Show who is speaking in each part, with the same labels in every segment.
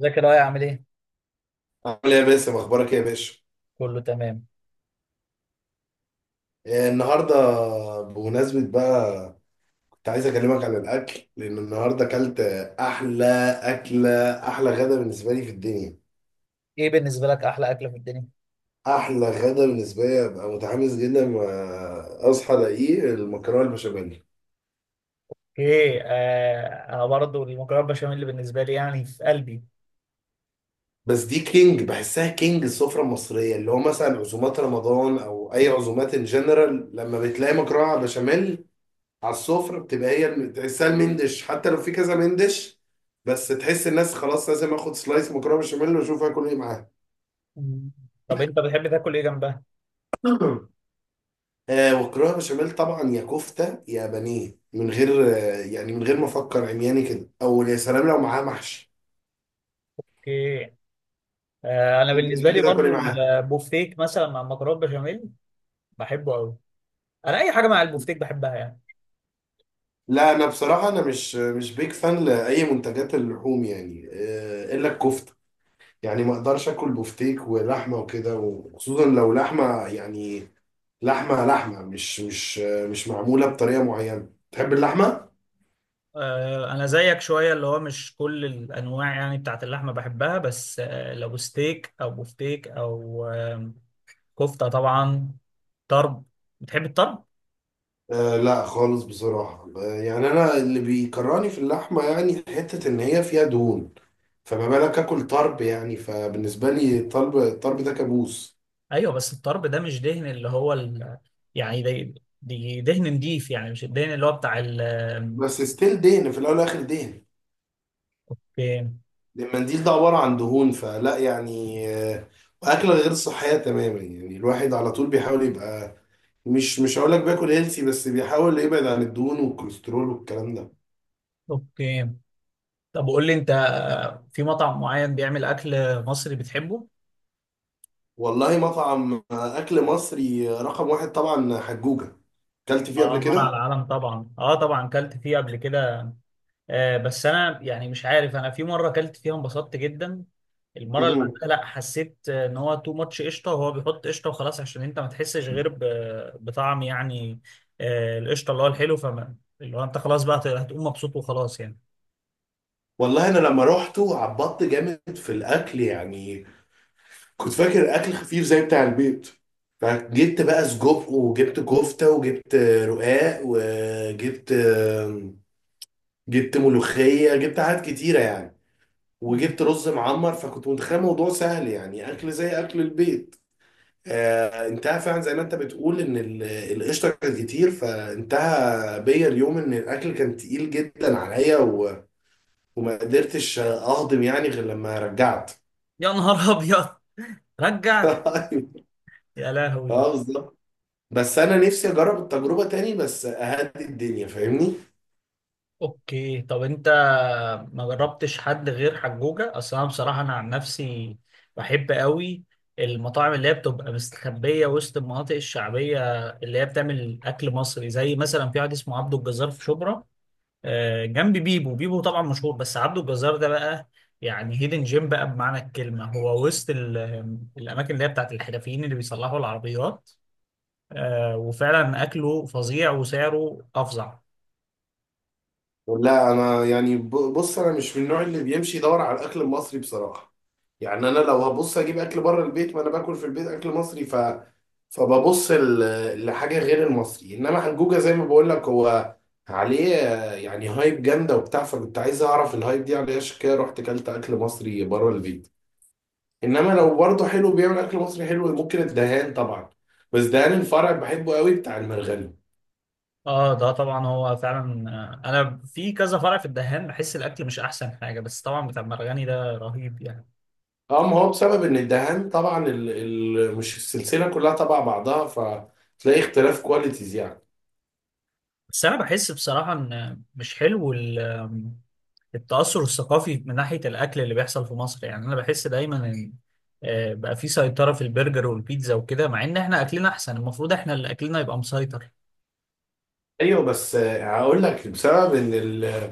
Speaker 1: ازيك يا لؤي، عامل ايه؟
Speaker 2: عامل ايه يا باسم، اخبارك ايه يا باشا؟
Speaker 1: كله تمام.
Speaker 2: إيه النهارده؟ بمناسبه بقى، كنت عايز اكلمك عن الاكل، لان النهارده اكلت احلى اكله، احلى غدا بالنسبه لي في الدنيا.
Speaker 1: ايه بالنسبة لك أحلى أكلة في الدنيا؟
Speaker 2: احلى غدا بالنسبه لي ابقى متحمس جدا ما اصحى الاقيه المكرونه البشاميل.
Speaker 1: ايه، آه، انا برضه المكرونه بشاميل اللي بالنسبه لي يعني في قلبي.
Speaker 2: بس دي كينج، بحسها كينج السفره المصريه، اللي هو مثلا عزومات رمضان او اي عزومات ان جنرال، لما بتلاقي مكرونه على بشاميل على السفرة بتبقى هي تحسها المندش، حتى لو في كذا مندش. بس تحس الناس خلاص لازم اخد سلايس مكرونة بشاميل واشوف هاكل ايه معاها.
Speaker 1: مم. طب انت بتحب تاكل ايه جنبها؟
Speaker 2: ومكرونة بشاميل طبعا، يا كفتة يا بانيه، من غير يعني، من غير ما افكر عمياني كده، او يا سلام لو معاها محشي.
Speaker 1: ايه، آه، انا
Speaker 2: انت
Speaker 1: بالنسبه
Speaker 2: بتحب
Speaker 1: لي
Speaker 2: تاكل ايه
Speaker 1: برضه
Speaker 2: معاها؟
Speaker 1: البوفتيك مثلا مع المكرونه بشاميل. بحبه قوي. انا اي حاجه مع البوفتيك بحبها يعني.
Speaker 2: لا، انا بصراحة انا مش بيك فان لاي منتجات اللحوم يعني، الا الكفتة. يعني ما اقدرش اكل بفتيك ولحمة وكده، وخصوصا لو لحمة يعني، لحمة مش معمولة بطريقة معينة، تحب اللحمة؟
Speaker 1: آه، انا زيك شويه اللي هو مش كل الانواع يعني بتاعت اللحمه بحبها، بس لو ستيك او بوفتيك او كفته طبعا. طرب. بتحب الطرب؟
Speaker 2: لا خالص بصراحة، يعني أنا اللي بيكرهني في اللحمة، يعني حتة إن هي فيها دهون، فما بالك آكل طرب يعني، فبالنسبة لي الطرب الطرب ده كابوس.
Speaker 1: ايوه، بس الطرب ده مش دهن، اللي هو يعني دي دهن نضيف يعني مش الدهن اللي هو بتاع
Speaker 2: بس ستيل دهن في الأول والآخر دهن.
Speaker 1: اوكي.
Speaker 2: المنديل ده عبارة عن دهون، فلا يعني وأكلة غير صحية تماما، يعني الواحد على طول بيحاول يبقى مش هقول لك بياكل هيلثي، بس بيحاول يبعد عن الدهون والكوليسترول والكلام ده.
Speaker 1: اوكي، طب قول لي انت، في مطعم معين بيعمل اكل مصري بتحبه؟
Speaker 2: والله مطعم اكل مصري رقم واحد طبعا حجوجة، اكلت فيه قبل
Speaker 1: اه، مر على
Speaker 2: كده.
Speaker 1: العالم طبعا، اه طبعا كلت فيه قبل كده. بس انا يعني مش عارف، انا في مره اكلت فيها انبسطت جدا، المره اللي
Speaker 2: مهم.
Speaker 1: بعدها لا، حسيت ان هو تو ماتش قشطه، وهو بيحط قشطه وخلاص عشان انت ما تحسش غير بطعم يعني. القشطه اللي هو الحلو، فما اللي هو انت خلاص بقى هتقوم مبسوط وخلاص يعني.
Speaker 2: والله انا لما روحته عبطت جامد في الاكل يعني، كنت فاكر اكل خفيف زي بتاع البيت، فجبت بقى سجق، وجبت كفتة، وجبت رقاق، وجبت ملوخية، جبت حاجات كتيرة يعني، وجبت رز معمر، فكنت متخيل الموضوع سهل يعني اكل زي اكل البيت. انتهى فعلا زي ما انت بتقول ان القشطه كانت كتير، فانتهى بيا اليوم ان الاكل كان تقيل جدا عليا وما قدرتش اهضم يعني غير لما رجعت.
Speaker 1: يا نهار ابيض، رجعت! يا لهوي!
Speaker 2: اه بالظبط. بس انا نفسي اجرب التجربه تاني، بس اهدي الدنيا، فاهمني.
Speaker 1: اوكي، طب انت ما جربتش حد غير حجوجة؟ اصل انا بصراحة انا عن نفسي بحب قوي المطاعم اللي هي بتبقى مستخبية وسط المناطق الشعبية، اللي هي بتعمل اكل مصري، زي مثلا في واحد اسمه عبده الجزار في شبرا، جنب بيبو. بيبو طبعا مشهور، بس عبده الجزار ده بقى يعني هيدن جيم بقى بمعنى الكلمة، هو وسط الاماكن اللي هي بتاعت الحرفيين اللي بيصلحوا العربيات. وفعلا اكله فظيع وسعره افظع.
Speaker 2: لا انا يعني بص، انا مش من النوع اللي بيمشي يدور على الاكل المصري بصراحه. يعني انا لو هبص اجيب اكل بره البيت، ما انا باكل في البيت اكل مصري، فببص لحاجه غير المصري، انما حجوجه زي ما بقول لك، هو عليه يعني هايب جامده وبتاع، فكنت عايز اعرف الهايب دي عليه، عشان كده رحت اكلت اكل مصري بره البيت. انما لو برضه حلو بيعمل اكل مصري حلو ممكن الدهان طبعا. بس دهان الفرع بحبه قوي، بتاع المرغني.
Speaker 1: اه ده طبعا هو فعلا. انا في كذا فرع في الدهان، بحس الاكل مش احسن حاجه، بس طبعا بتاع المرغني ده رهيب يعني.
Speaker 2: اه ما هو بسبب ان الدهان طبعا مش السلسله كلها تبع بعضها، فتلاقي اختلاف كواليتيز يعني.
Speaker 1: بس انا بحس بصراحه ان مش حلو ال- آم، التاثر الثقافي من ناحيه الاكل اللي بيحصل في مصر، يعني انا بحس دايما ان بقى في سيطره في البرجر والبيتزا وكده، مع ان احنا اكلنا احسن، المفروض احنا اللي اكلنا يبقى مسيطر.
Speaker 2: ايوه بس هقول لك بسبب ان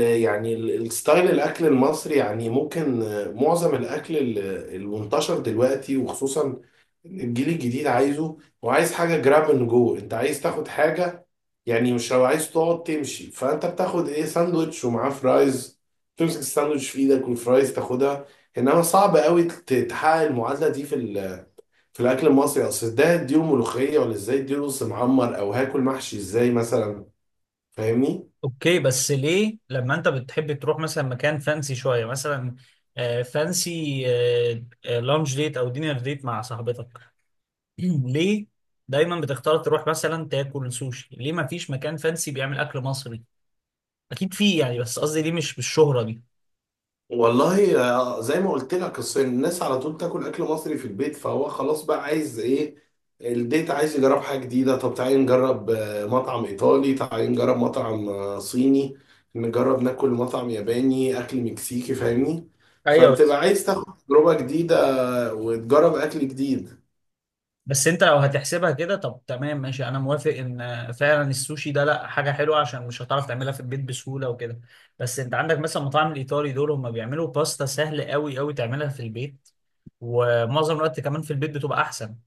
Speaker 2: يعني الستايل الاكل المصري، يعني ممكن معظم الاكل المنتشر دلوقتي، وخصوصا الجيل الجديد عايزه، وعايز حاجه جراب من جوه، انت عايز تاخد حاجه. يعني مش لو عايز تقعد تمشي، فانت بتاخد ايه، ساندوتش ومعاه فرايز، تمسك الساندوتش في ايدك والفرايز تاخدها. انما صعب قوي تحقق المعادله دي في في الاكل المصري، اصل ده اديله ملوخيه ولا ازاي، اديله رز معمر او هاكل محشي ازاي مثلا، فاهمني.
Speaker 1: اوكي، بس ليه لما انت بتحب تروح مثلا مكان فانسي شويه، مثلا فانسي، لانش ديت او دينر ديت مع صاحبتك، ليه دايما بتختار تروح مثلا تاكل سوشي؟ ليه ما فيش مكان فانسي بيعمل اكل مصري؟ اكيد فيه يعني، بس قصدي ليه مش بالشهرة دي؟
Speaker 2: والله زي ما قلت لك الصين، الناس على طول تاكل اكل مصري في البيت، فهو خلاص بقى عايز ايه، البيت عايز يجرب حاجه جديده. طب تعالي نجرب مطعم ايطالي، تعالي نجرب مطعم صيني، نجرب ناكل مطعم ياباني، اكل مكسيكي، فاهمني.
Speaker 1: ايوه،
Speaker 2: فبتبقى
Speaker 1: بس
Speaker 2: عايز تاخد تجربه جديده وتجرب اكل جديد.
Speaker 1: بس انت لو هتحسبها كده، طب تمام ماشي، انا موافق ان فعلا السوشي ده لا حاجه حلوه عشان مش هتعرف تعملها في البيت بسهوله وكده، بس انت عندك مثلا المطاعم الايطالي دول هم بيعملوا باستا سهل قوي قوي تعملها في البيت، ومعظم الوقت كمان في البيت بتبقى احسن،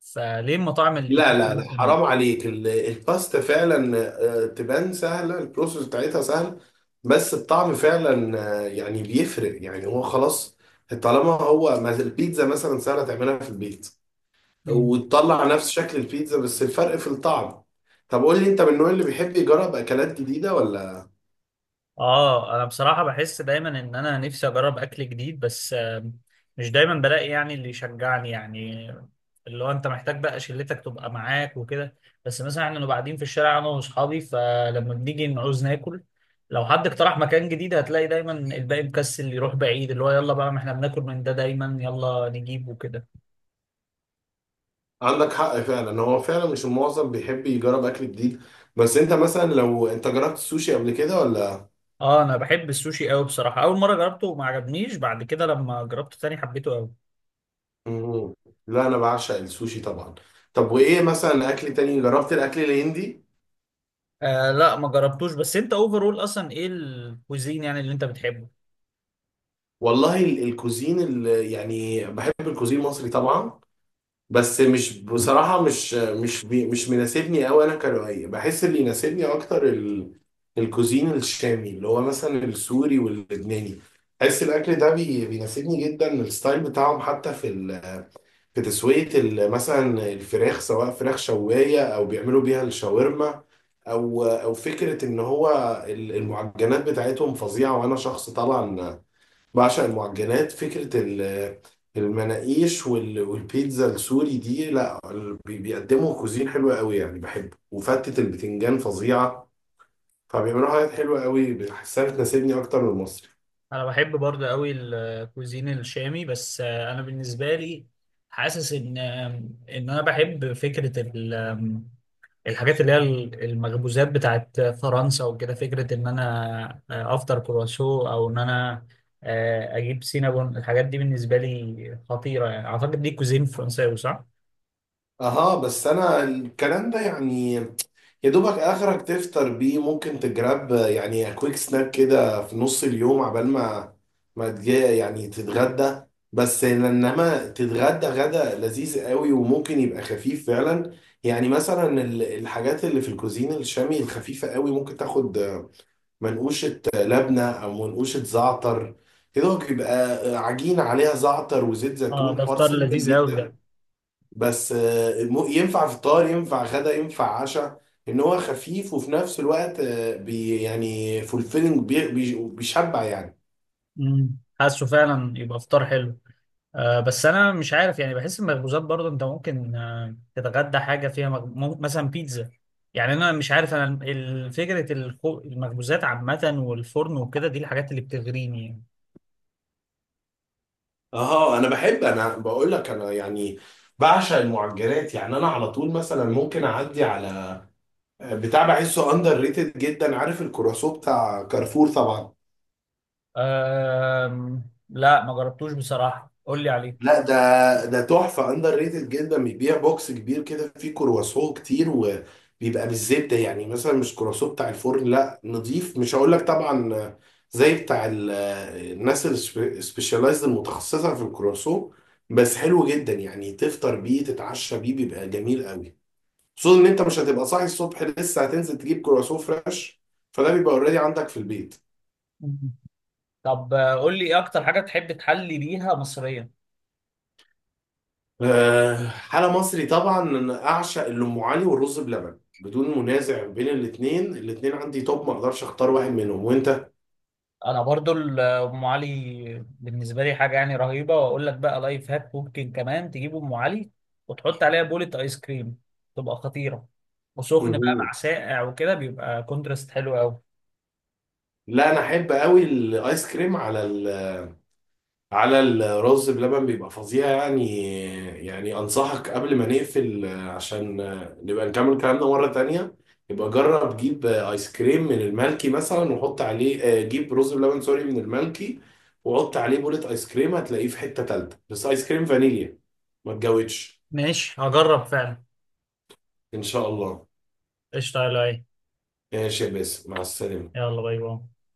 Speaker 1: فليه المطاعم الايطالي
Speaker 2: لا لا لا
Speaker 1: مثلا؟
Speaker 2: حرام عليك، الباستا فعلا تبان سهلة، البروسيس بتاعتها سهل، بس الطعم فعلا يعني بيفرق يعني، هو خلاص. طالما هو البيتزا مثلا سهلة تعملها في البيت، وتطلع نفس شكل البيتزا، بس الفرق في الطعم. طب قول لي انت، من النوع اللي بيحب يجرب اكلات جديدة ولا؟
Speaker 1: اه انا بصراحة بحس دايما ان انا نفسي اجرب اكل جديد، بس مش دايما بلاقي يعني اللي يشجعني يعني، اللي هو انت محتاج بقى شلتك تبقى معاك وكده، بس مثلا احنا بنبقى قاعدين في الشارع انا واصحابي، فلما بنيجي نعوز ناكل لو حد اقترح مكان جديد هتلاقي دايما الباقي مكسل يروح بعيد، اللي هو يلا بقى ما احنا بناكل من ده دايما، يلا نجيب وكده.
Speaker 2: عندك حق فعلا، هو فعلا مش المعظم بيحب يجرب اكل جديد. بس انت مثلا لو انت جربت السوشي قبل كده ولا؟
Speaker 1: اه انا بحب السوشي قوي بصراحة، اول مرة جربته وما عجبنيش، بعد كده لما جربته تاني حبيته قوي.
Speaker 2: مم. لا انا بعشق السوشي طبعا. طب وايه مثلا اكل تاني، جربت الاكل الهندي؟
Speaker 1: آه، لا ما جربتوش. بس انت اوفرول اصلا ايه الكوزين يعني اللي انت بتحبه؟
Speaker 2: والله الكوزين يعني بحب الكوزين المصري طبعا. بس مش بصراحه، مش مناسبني قوي، انا كروائيه، بحس اللي يناسبني اكتر الكوزين الشامي، اللي هو مثلا السوري واللبناني. بحس الاكل ده بيناسبني جدا، الستايل بتاعهم، حتى في تسوية مثلا الفراخ، سواء فراخ شواية أو بيعملوا بيها الشاورما، أو فكرة إن هو المعجنات بتاعتهم فظيعة، وأنا شخص طبعا بعشق المعجنات، فكرة المناقيش والبيتزا السوري دي. لا بيقدموا كوزين حلوة قوي يعني بحبه، وفتة البتنجان فظيعة، فبيعملوا حاجات حلوة قوي بحسها بتناسبني أكتر من المصري.
Speaker 1: انا بحب برضه قوي الكوزين الشامي، بس آه، انا بالنسبه لي حاسس ان ان انا بحب فكره ال- آم، الحاجات اللي هي المخبوزات بتاعت فرنسا وكده، فكره ان انا افطر كرواسو او ان انا اجيب سينابون، الحاجات دي بالنسبه لي خطيره يعني، اعتقد دي كوزين فرنساوي، صح؟
Speaker 2: أها بس أنا الكلام ده يعني، يا دوبك اخرك تفطر بيه، ممكن تجرب يعني كويك سناك كده في نص اليوم، عبال ما تجي يعني تتغدى. بس انما تتغدى غدا لذيذ قوي، وممكن يبقى خفيف فعلا، يعني مثلا الحاجات اللي في الكوزين الشامي الخفيفة قوي، ممكن تاخد منقوشة لبنة او منقوشة زعتر، كده بيبقى عجينة عليها زعتر وزيت
Speaker 1: اه
Speaker 2: زيتون،
Speaker 1: ده
Speaker 2: حوار
Speaker 1: فطار
Speaker 2: سيمبل
Speaker 1: لذيذ قوي
Speaker 2: جدا.
Speaker 1: ده.
Speaker 2: بس ينفع فطار ينفع غدا ينفع عشاء، ان هو خفيف وفي نفس الوقت يعني فولفيلنج، بيشبع يعني.
Speaker 1: مم. حاسه فعلا يبقى فطار حلو. بس انا مش عارف يعني، بحس المخبوزات برضه انت ممكن تتغدى حاجه فيها مثلا بيتزا، يعني انا مش عارف، انا فكره المخبوزات عامه والفرن وكده، دي الحاجات اللي بتغريني يعني.
Speaker 2: اه انا بحب، انا بقول لك انا يعني بعشق المعجنات، يعني انا على طول مثلا ممكن اعدي على بتاع، بحسه اندر ريتد جدا، عارف الكرواسون بتاع كارفور طبعا؟
Speaker 1: أم... لا ما جربتوش بصراحة، قول لي عليه.
Speaker 2: لا ده تحفة اندر ريتد جدا، بيبيع بوكس كبير كده فيه كرواسون كتير، وبيبقى بالزبدة يعني، مثلا مش كرواسون بتاع الفرن، لا نضيف مش هقول لك طبعا، زي بتاع الناس السبيشاليزد المتخصصة في الكرواسون، بس حلو جدا يعني، تفطر بيه تتعشى بيه بيبقى جميل قوي، خصوصا ان انت مش هتبقى صاحي الصبح لسه هتنزل تجيب كرواسون فريش، فده بيبقى اوريدي عندك في البيت.
Speaker 1: مم. طب قول لي ايه اكتر حاجة بتحب تحلي بيها مصريا؟
Speaker 2: حلا مصري طبعا، انا اعشق الام علي والرز بلبن، بدون منازع بين الاثنين، الاثنين عندي توب، ما اقدرش اختار واحد منهم، وانت؟
Speaker 1: انا برضو ام علي بالنسبه لي حاجه يعني رهيبه، واقول لك بقى لايف هاك، ممكن كمان تجيب ام علي وتحط عليها بولة ايس كريم، تبقى خطيره، وسخن بقى
Speaker 2: مهم.
Speaker 1: مع ساقع وكده بيبقى كونتراست حلو قوي.
Speaker 2: لا انا احب قوي الايس كريم على الرز بلبن، بيبقى فظيع يعني، يعني انصحك قبل ما نقفل عشان نبقى نكمل كلامنا مرة تانية، يبقى جرب، جيب ايس كريم من المالكي مثلا، وحط عليه جيب رز بلبن سوري من المالكي، وحط عليه بولة ايس كريم، هتلاقيه في حتة تالتة، بس ايس كريم فانيليا، ما تجودش.
Speaker 1: ماشي، هجرب فعلا.
Speaker 2: ان شاء الله.
Speaker 1: قشطة يا لؤي.
Speaker 2: ماشي يا باسم، مع السلامة.
Speaker 1: يلا باي باي.